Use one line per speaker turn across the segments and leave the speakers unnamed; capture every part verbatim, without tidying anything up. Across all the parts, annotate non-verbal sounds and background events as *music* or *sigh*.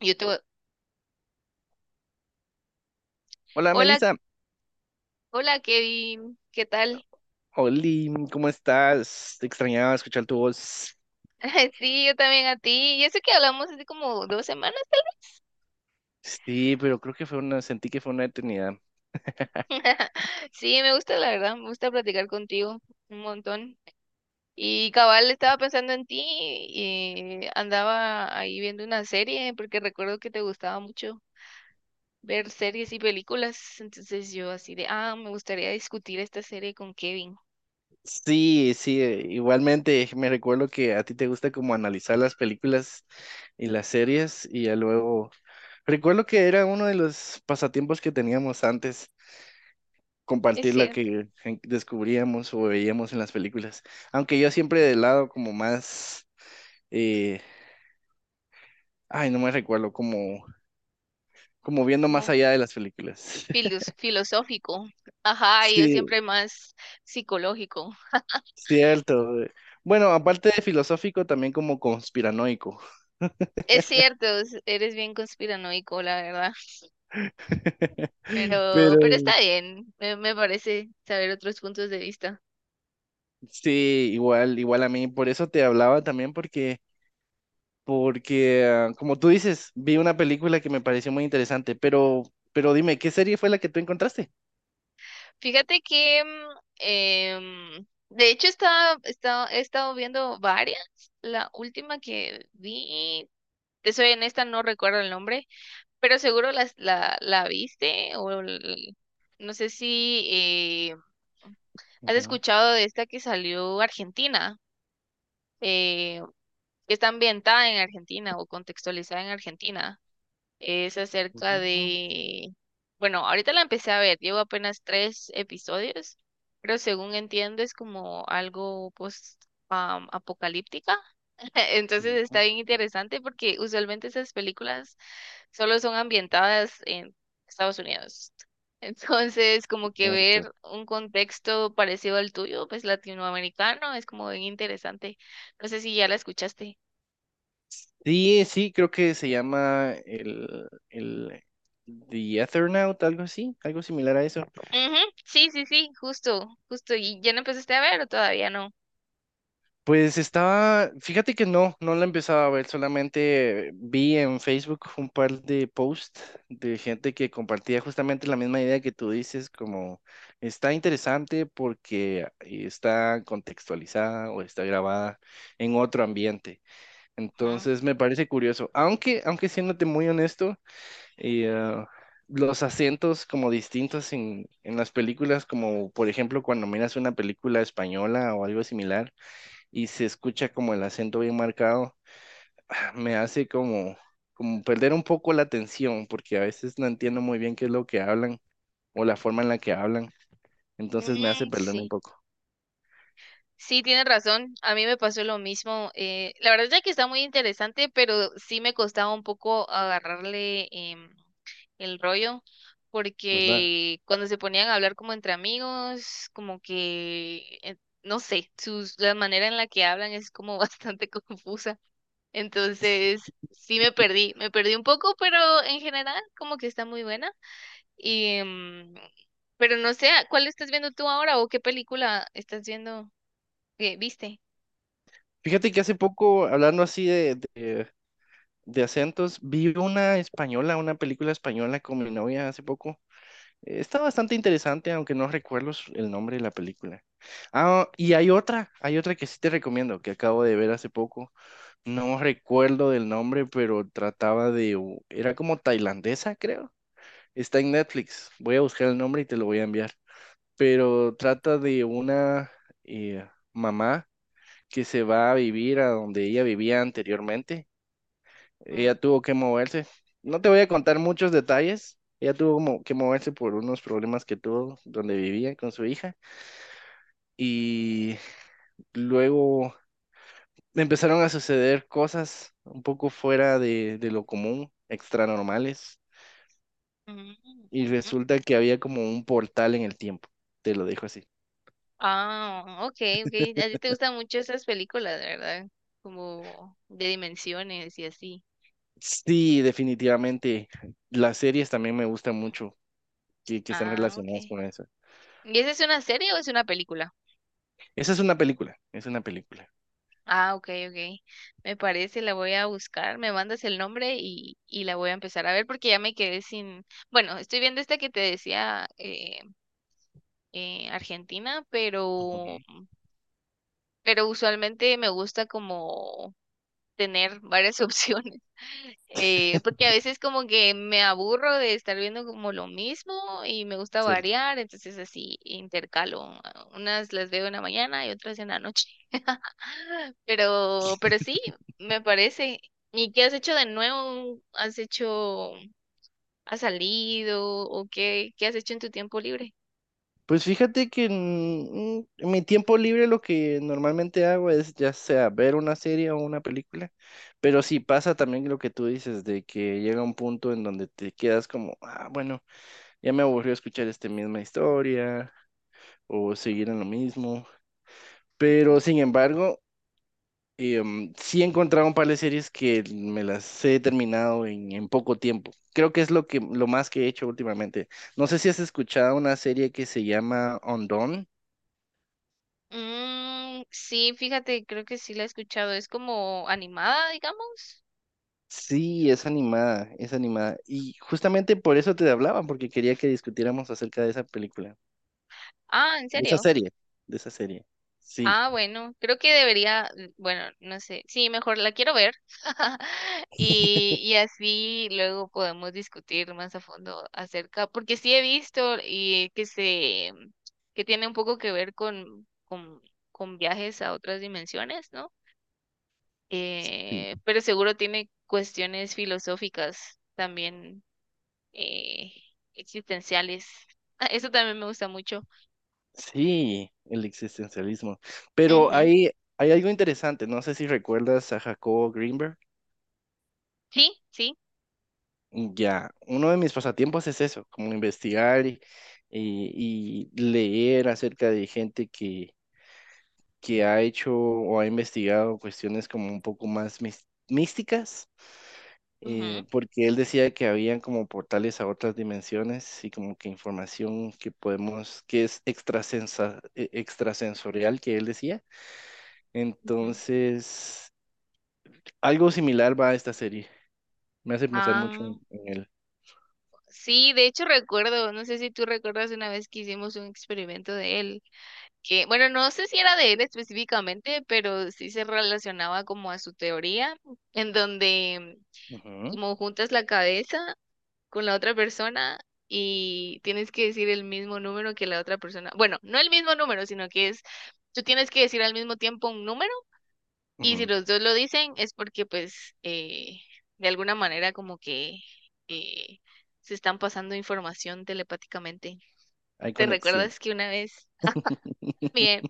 Yo te voy-
Hola
Hola,
Melissa,
hola Kevin, ¿qué tal?
Oli, ¿cómo estás? Te extrañaba escuchar tu voz.
*laughs* Sí, yo también a ti. Y eso que hablamos hace como dos semanas, tal vez.
Sí, pero creo que fue una, sentí que fue una eternidad.
*laughs* Sí, me gusta, la verdad, me gusta platicar contigo un montón. Y cabal, estaba pensando en ti y andaba ahí viendo una serie porque recuerdo que te gustaba mucho ver series y películas. Entonces yo así de, ah, me gustaría discutir esta serie con Kevin.
Sí, sí, eh, igualmente me recuerdo que a ti te gusta como analizar las películas y las series y ya luego recuerdo que era uno de los pasatiempos que teníamos antes,
Es
compartir la
cierto,
que en- descubríamos o veíamos en las películas, aunque yo siempre del lado como más, eh, ay, no me recuerdo, como, como viendo más
como
allá de las películas. *laughs*
filos- filosófico. Ajá, y yo
Sí,
siempre más psicológico.
cierto. Güey, bueno, aparte de filosófico, también como conspiranoico.
Es cierto, es- eres bien conspiranoico, la verdad,
*laughs*
pero,
Pero
pero está bien, me, me parece saber otros puntos de vista.
sí, igual, igual a mí, por eso te hablaba también, porque, porque, ah, como tú dices, vi una película que me pareció muy interesante, pero, pero dime, ¿qué serie fue la que tú encontraste?
Fíjate que, mm, em, de hecho, estaba, estaba- he estado viendo varias. La última que vi, te soy honesta, no recuerdo el nombre, pero seguro las- la, la viste o el- no sé si eh, has
Ujú.
escuchado de esta que salió Argentina. eh, que está ambientada en Argentina o contextualizada en Argentina. Es acerca
Ujú.
de, bueno, ahorita la empecé a ver, llevo apenas tres episodios, pero según entiendo es como algo post am, apocalíptica. *laughs* Entonces está bien interesante porque usualmente esas películas solo son ambientadas en Estados Unidos. *laughs* Entonces, como que
Cierto.
ver un contexto parecido al tuyo, pues latinoamericano, es como bien interesante. No sé si ya la escuchaste.
Sí, sí, creo que se llama el, el The Ethernaut, algo así, algo similar a eso.
Ujú. Sí, sí, sí, justo, justo. ¿Y ya lo empezaste a ver o todavía no?
Pues estaba, fíjate que no, no la empezaba a ver, solamente vi en Facebook un par de posts de gente que compartía justamente la misma idea que tú dices, como está interesante porque está contextualizada o está grabada en otro ambiente.
Ajá.
Entonces me parece curioso, aunque, aunque siéndote muy honesto, eh, ah, los acentos como distintos en, en las películas, como por ejemplo cuando miras una película española o algo similar y se escucha como el acento bien marcado, ah, me hace como, como perder un poco la atención, porque a veces no entiendo muy bien qué es lo que hablan o la forma en la que hablan, entonces me hace
Mm,
perderme un
sí,
poco,
sí, tienes razón. A mí me pasó lo mismo. Eh, la verdad es que está muy interesante, pero sí me costaba un poco agarrarle em, el rollo,
¿verdad?
porque cuando se ponían a hablar como entre amigos, como que, eh, no sé, sus, la manera en la que hablan es como *laughs* bastante confusa. Entonces, sí me perdí, me perdí un poco, pero en general como que está muy buena. Y, mm, pero no sé, ¿cuál estás viendo tú ahora o qué película estás viendo? Que ¿viste?
Fíjate que hace poco, hablando así de, de, de acentos, vi una española, una película española con mi novia hace poco. Eh, Está bastante interesante, aunque no recuerdo su- el nombre de la película. Ah, y hay otra, hay otra que sí te recomiendo, que acabo de ver hace poco. No recuerdo del nombre, pero trataba de... u- Era como tailandesa, creo. Está en Netflix. Voy a buscar el nombre y te lo voy a enviar. Pero trata de una eh, mamá que se va a vivir a donde ella vivía anteriormente.
Mm,
Ella tuvo que moverse. No te voy a contar muchos detalles. Ella tuvo como que moverse por unos problemas que tuvo donde vivía con su hija. Y luego me empezaron a suceder cosas un poco fuera de, de lo común, extra normales,
mm,
y
ujú.
resulta que había como un portal en el tiempo, te lo dejo así.
Ah, ok, ok. A ti te gustan mucho esas películas, ¿verdad? Como de dimensiones y así.
Sí, definitivamente, las series también me gustan mucho que, que están
Ah, ok.
relacionadas con eso.
¿Y esa es una serie o es una película?
Esa es una película, es una película.
Ah, ok, ok. Me parece, la voy a buscar. Me mandas el nombre y, y la voy a empezar a ver porque ya me quedé sin... Bueno, estoy viendo esta que te decía eh, eh, Argentina, pero
Ujú.
pero usualmente me gusta como tener varias *laughs* opciones, eh, porque a veces como que me aburro de estar viendo como lo mismo y me gusta
¿Cierto?
variar, entonces así intercalo, ah, unas las veo en la mañana y otras en la noche, *laughs* pero, pero sí, me parece. ¿Y qué has hecho de nuevo? ¿Has hecho, has salido o qué, qué has hecho en tu tiempo libre?
Pues fíjate que en, en mi tiempo libre lo que normalmente hago es ya sea ver una serie o una película, pero sí pasa también lo que tú dices, de que llega un punto en donde te quedas como, ah, bueno, ya me aburrió escuchar esta misma historia o seguir en lo mismo, pero sin embargo, em, sí he encontrado un par de series que me las he terminado en, en poco tiempo. Creo que es lo que, lo más que he hecho últimamente. No sé si has escuchado una serie que se llama Undone.
Mm, sí, fíjate, creo que sí la he escuchado. Es como animada, digamos.
Sí, es animada, es animada. Y justamente por eso te hablaba, porque quería que discutiéramos acerca de esa película,
Ah, ¿en
de esa
serio?
serie, de esa serie. Sí,
Ah, bueno, creo que debería, mm, bueno, no sé, sí, mejor la quiero ver. *laughs* Y, y así luego podemos discutir más a fondo acerca, porque sí he visto y que se, que tiene un poco que ver con, con, con viajes a otras dimensiones, ¿no?
sí,
Eh, pero seguro tiene cuestiones filosóficas también, eh, existenciales. Ah, eso también me gusta mucho.
sí, el existencialismo. Pero
Ujú.
hay, hay algo interesante, no sé si recuerdas a Jacobo Greenberg.
Sí, sí.
Ya, uno de mis pasatiempos es eso, como investigar y, y- y leer acerca de gente que, que ha hecho o ha investigado cuestiones como un poco más mis- místicas,
Ujú,
eh, porque él decía que habían como portales a otras dimensiones y como que información que podemos, que es extrasensa- e- extrasensorial, que él decía.
ujú.
Entonces, algo similar va a esta serie. Me hace pensar mucho
Ah,
en en él.
sí, de hecho recuerdo, no sé si tú recuerdas una vez que hicimos un experimento de él, que bueno, no sé si era de él específicamente, pero sí se relacionaba como a su teoría, en donde
Ujú,
como juntas la cabeza con la otra persona y tienes que decir el mismo número que la otra persona. Bueno, no el mismo número, sino que es, tú tienes que decir al mismo tiempo un número. Y si
ujú.
los dos lo dicen es porque pues eh, de alguna manera como que eh, se están pasando información telepáticamente.
Hay
¿Te
conexión.
recuerdas que una vez, bien,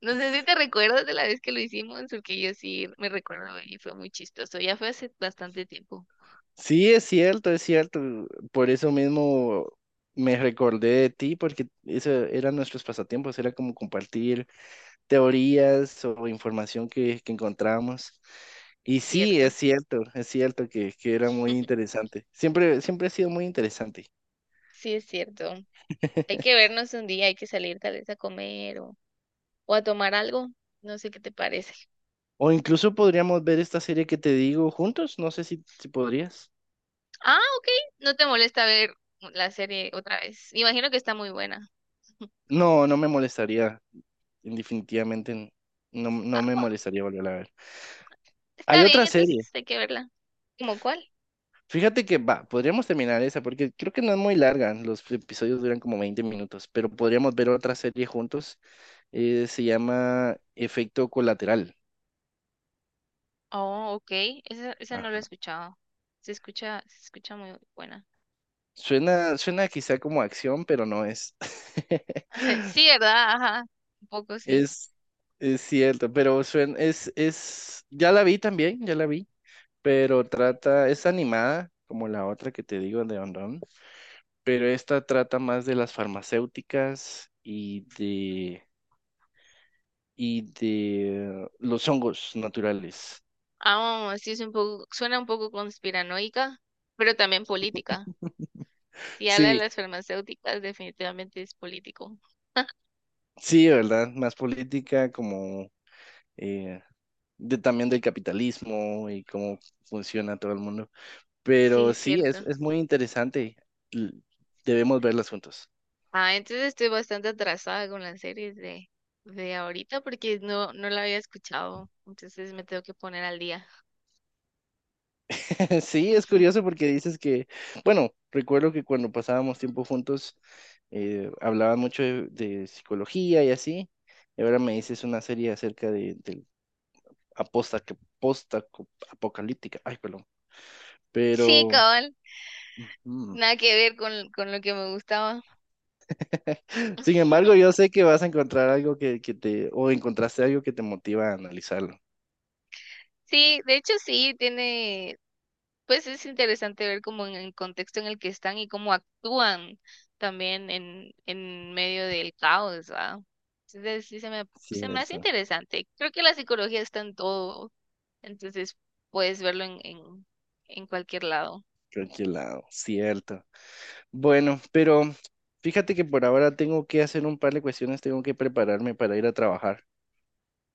no sé si te recuerdas de la vez que lo hicimos? Porque yo sí me recuerdo y fue muy chistoso. Ya fue hace bastante tiempo,
Sí, es cierto, es cierto. Por eso mismo me recordé de ti, porque eso eran nuestros pasatiempos, era como compartir teorías o información que, que encontramos.
es
Y sí, es
cierto.
cierto, es cierto que, que era muy
*laughs*
interesante. Siempre, siempre ha sido muy interesante.
Sí, es cierto. Hay que
*laughs*
vernos un día, hay que salir tal vez a comer o, o a tomar algo. No sé qué te parece.
O incluso podríamos ver esta serie que te digo juntos, no sé si, si podrías.
Ah, ok. No te molesta ver la serie otra vez. Imagino que está muy buena.
No, no me molestaría, definitivamente no, no
Ah,
me
bueno,
molestaría volver a ver. Hay
está bien,
otra
entonces
serie.
hay que verla. ¿Cómo cuál?
Fíjate que va, podríamos terminar esa porque creo que no es muy larga. Los episodios duran como veinte minutos, pero podríamos ver otra serie juntos. Eh, se llama Efecto Colateral.
Oh, ok. Esa, esa no la he
Ajá.
escuchado. Se escucha, se escucha muy buena.
Suena, suena quizá como acción, pero no es.
*laughs* Sí,
*laughs*
¿verdad? Ajá, un poco sí.
Es, es cierto, pero suena, es, es, ya la vi también, ya la vi, pero trata, es animada, como la otra que te digo de Ondón, pero esta trata más de las farmacéuticas y y de los hongos naturales.
Ah, sí, es un poco, suena un poco conspiranoica, pero también política. Si habla de
Sí,
las farmacéuticas, definitivamente es político. *laughs*
sí, ¿verdad? Más política como eh, de, también del capitalismo y cómo funciona todo el mundo.
Sí,
Pero
es
sí, es,
cierto.
es muy interesante. L- Debemos verlas juntos.
Ah, entonces estoy bastante atrasada con las series de, de ahorita porque no, no la había escuchado, entonces me tengo que poner al día.
*laughs* Sí, es
*laughs*
curioso porque dices que, bueno, recuerdo que cuando pasábamos tiempo juntos eh, hablaban mucho de, de psicología y así, y ahora me dices una serie acerca de, del aposta- que- posta- co- apocalíptica. Ay, perdón.
Sí,
Pero,
cabal,
ujú.
nada que ver con, con lo que me gustaba.
*laughs* Sin embargo,
*laughs*
yo sé que vas a encontrar algo que, que te, o encontraste algo que te motiva a analizarlo.
Sí, de hecho sí, tiene, pues es interesante ver como en el contexto en el que están y cómo actúan también en, en medio del caos, ¿va? Entonces sí se me, se me hace
Cierto,
interesante. Creo que la psicología está en todo, entonces puedes verlo en, en, en cualquier lado.
creo que lado, cierto. Bueno, pero fíjate que por ahora tengo que hacer un par de cuestiones, tengo que prepararme para ir a trabajar.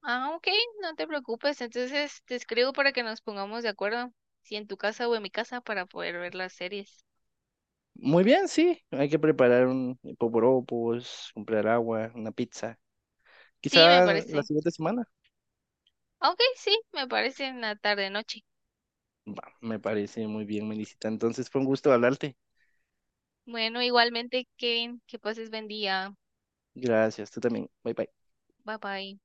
Ah, ok, no te preocupes, entonces te escribo para que nos pongamos de acuerdo, si en tu casa o en mi casa, para poder ver las series.
Muy bien, sí, hay que preparar un poporopos, comprar agua, una pizza.
Sí, me
Quizá la
parece.
siguiente semana.
Ok, sí, me parece en la tarde-noche.
Va, me parece muy bien, Melisita. Entonces fue un gusto hablarte.
Bueno, igualmente, Kevin, que pases buen día.
Gracias, tú también. Bye bye.
Bye bye.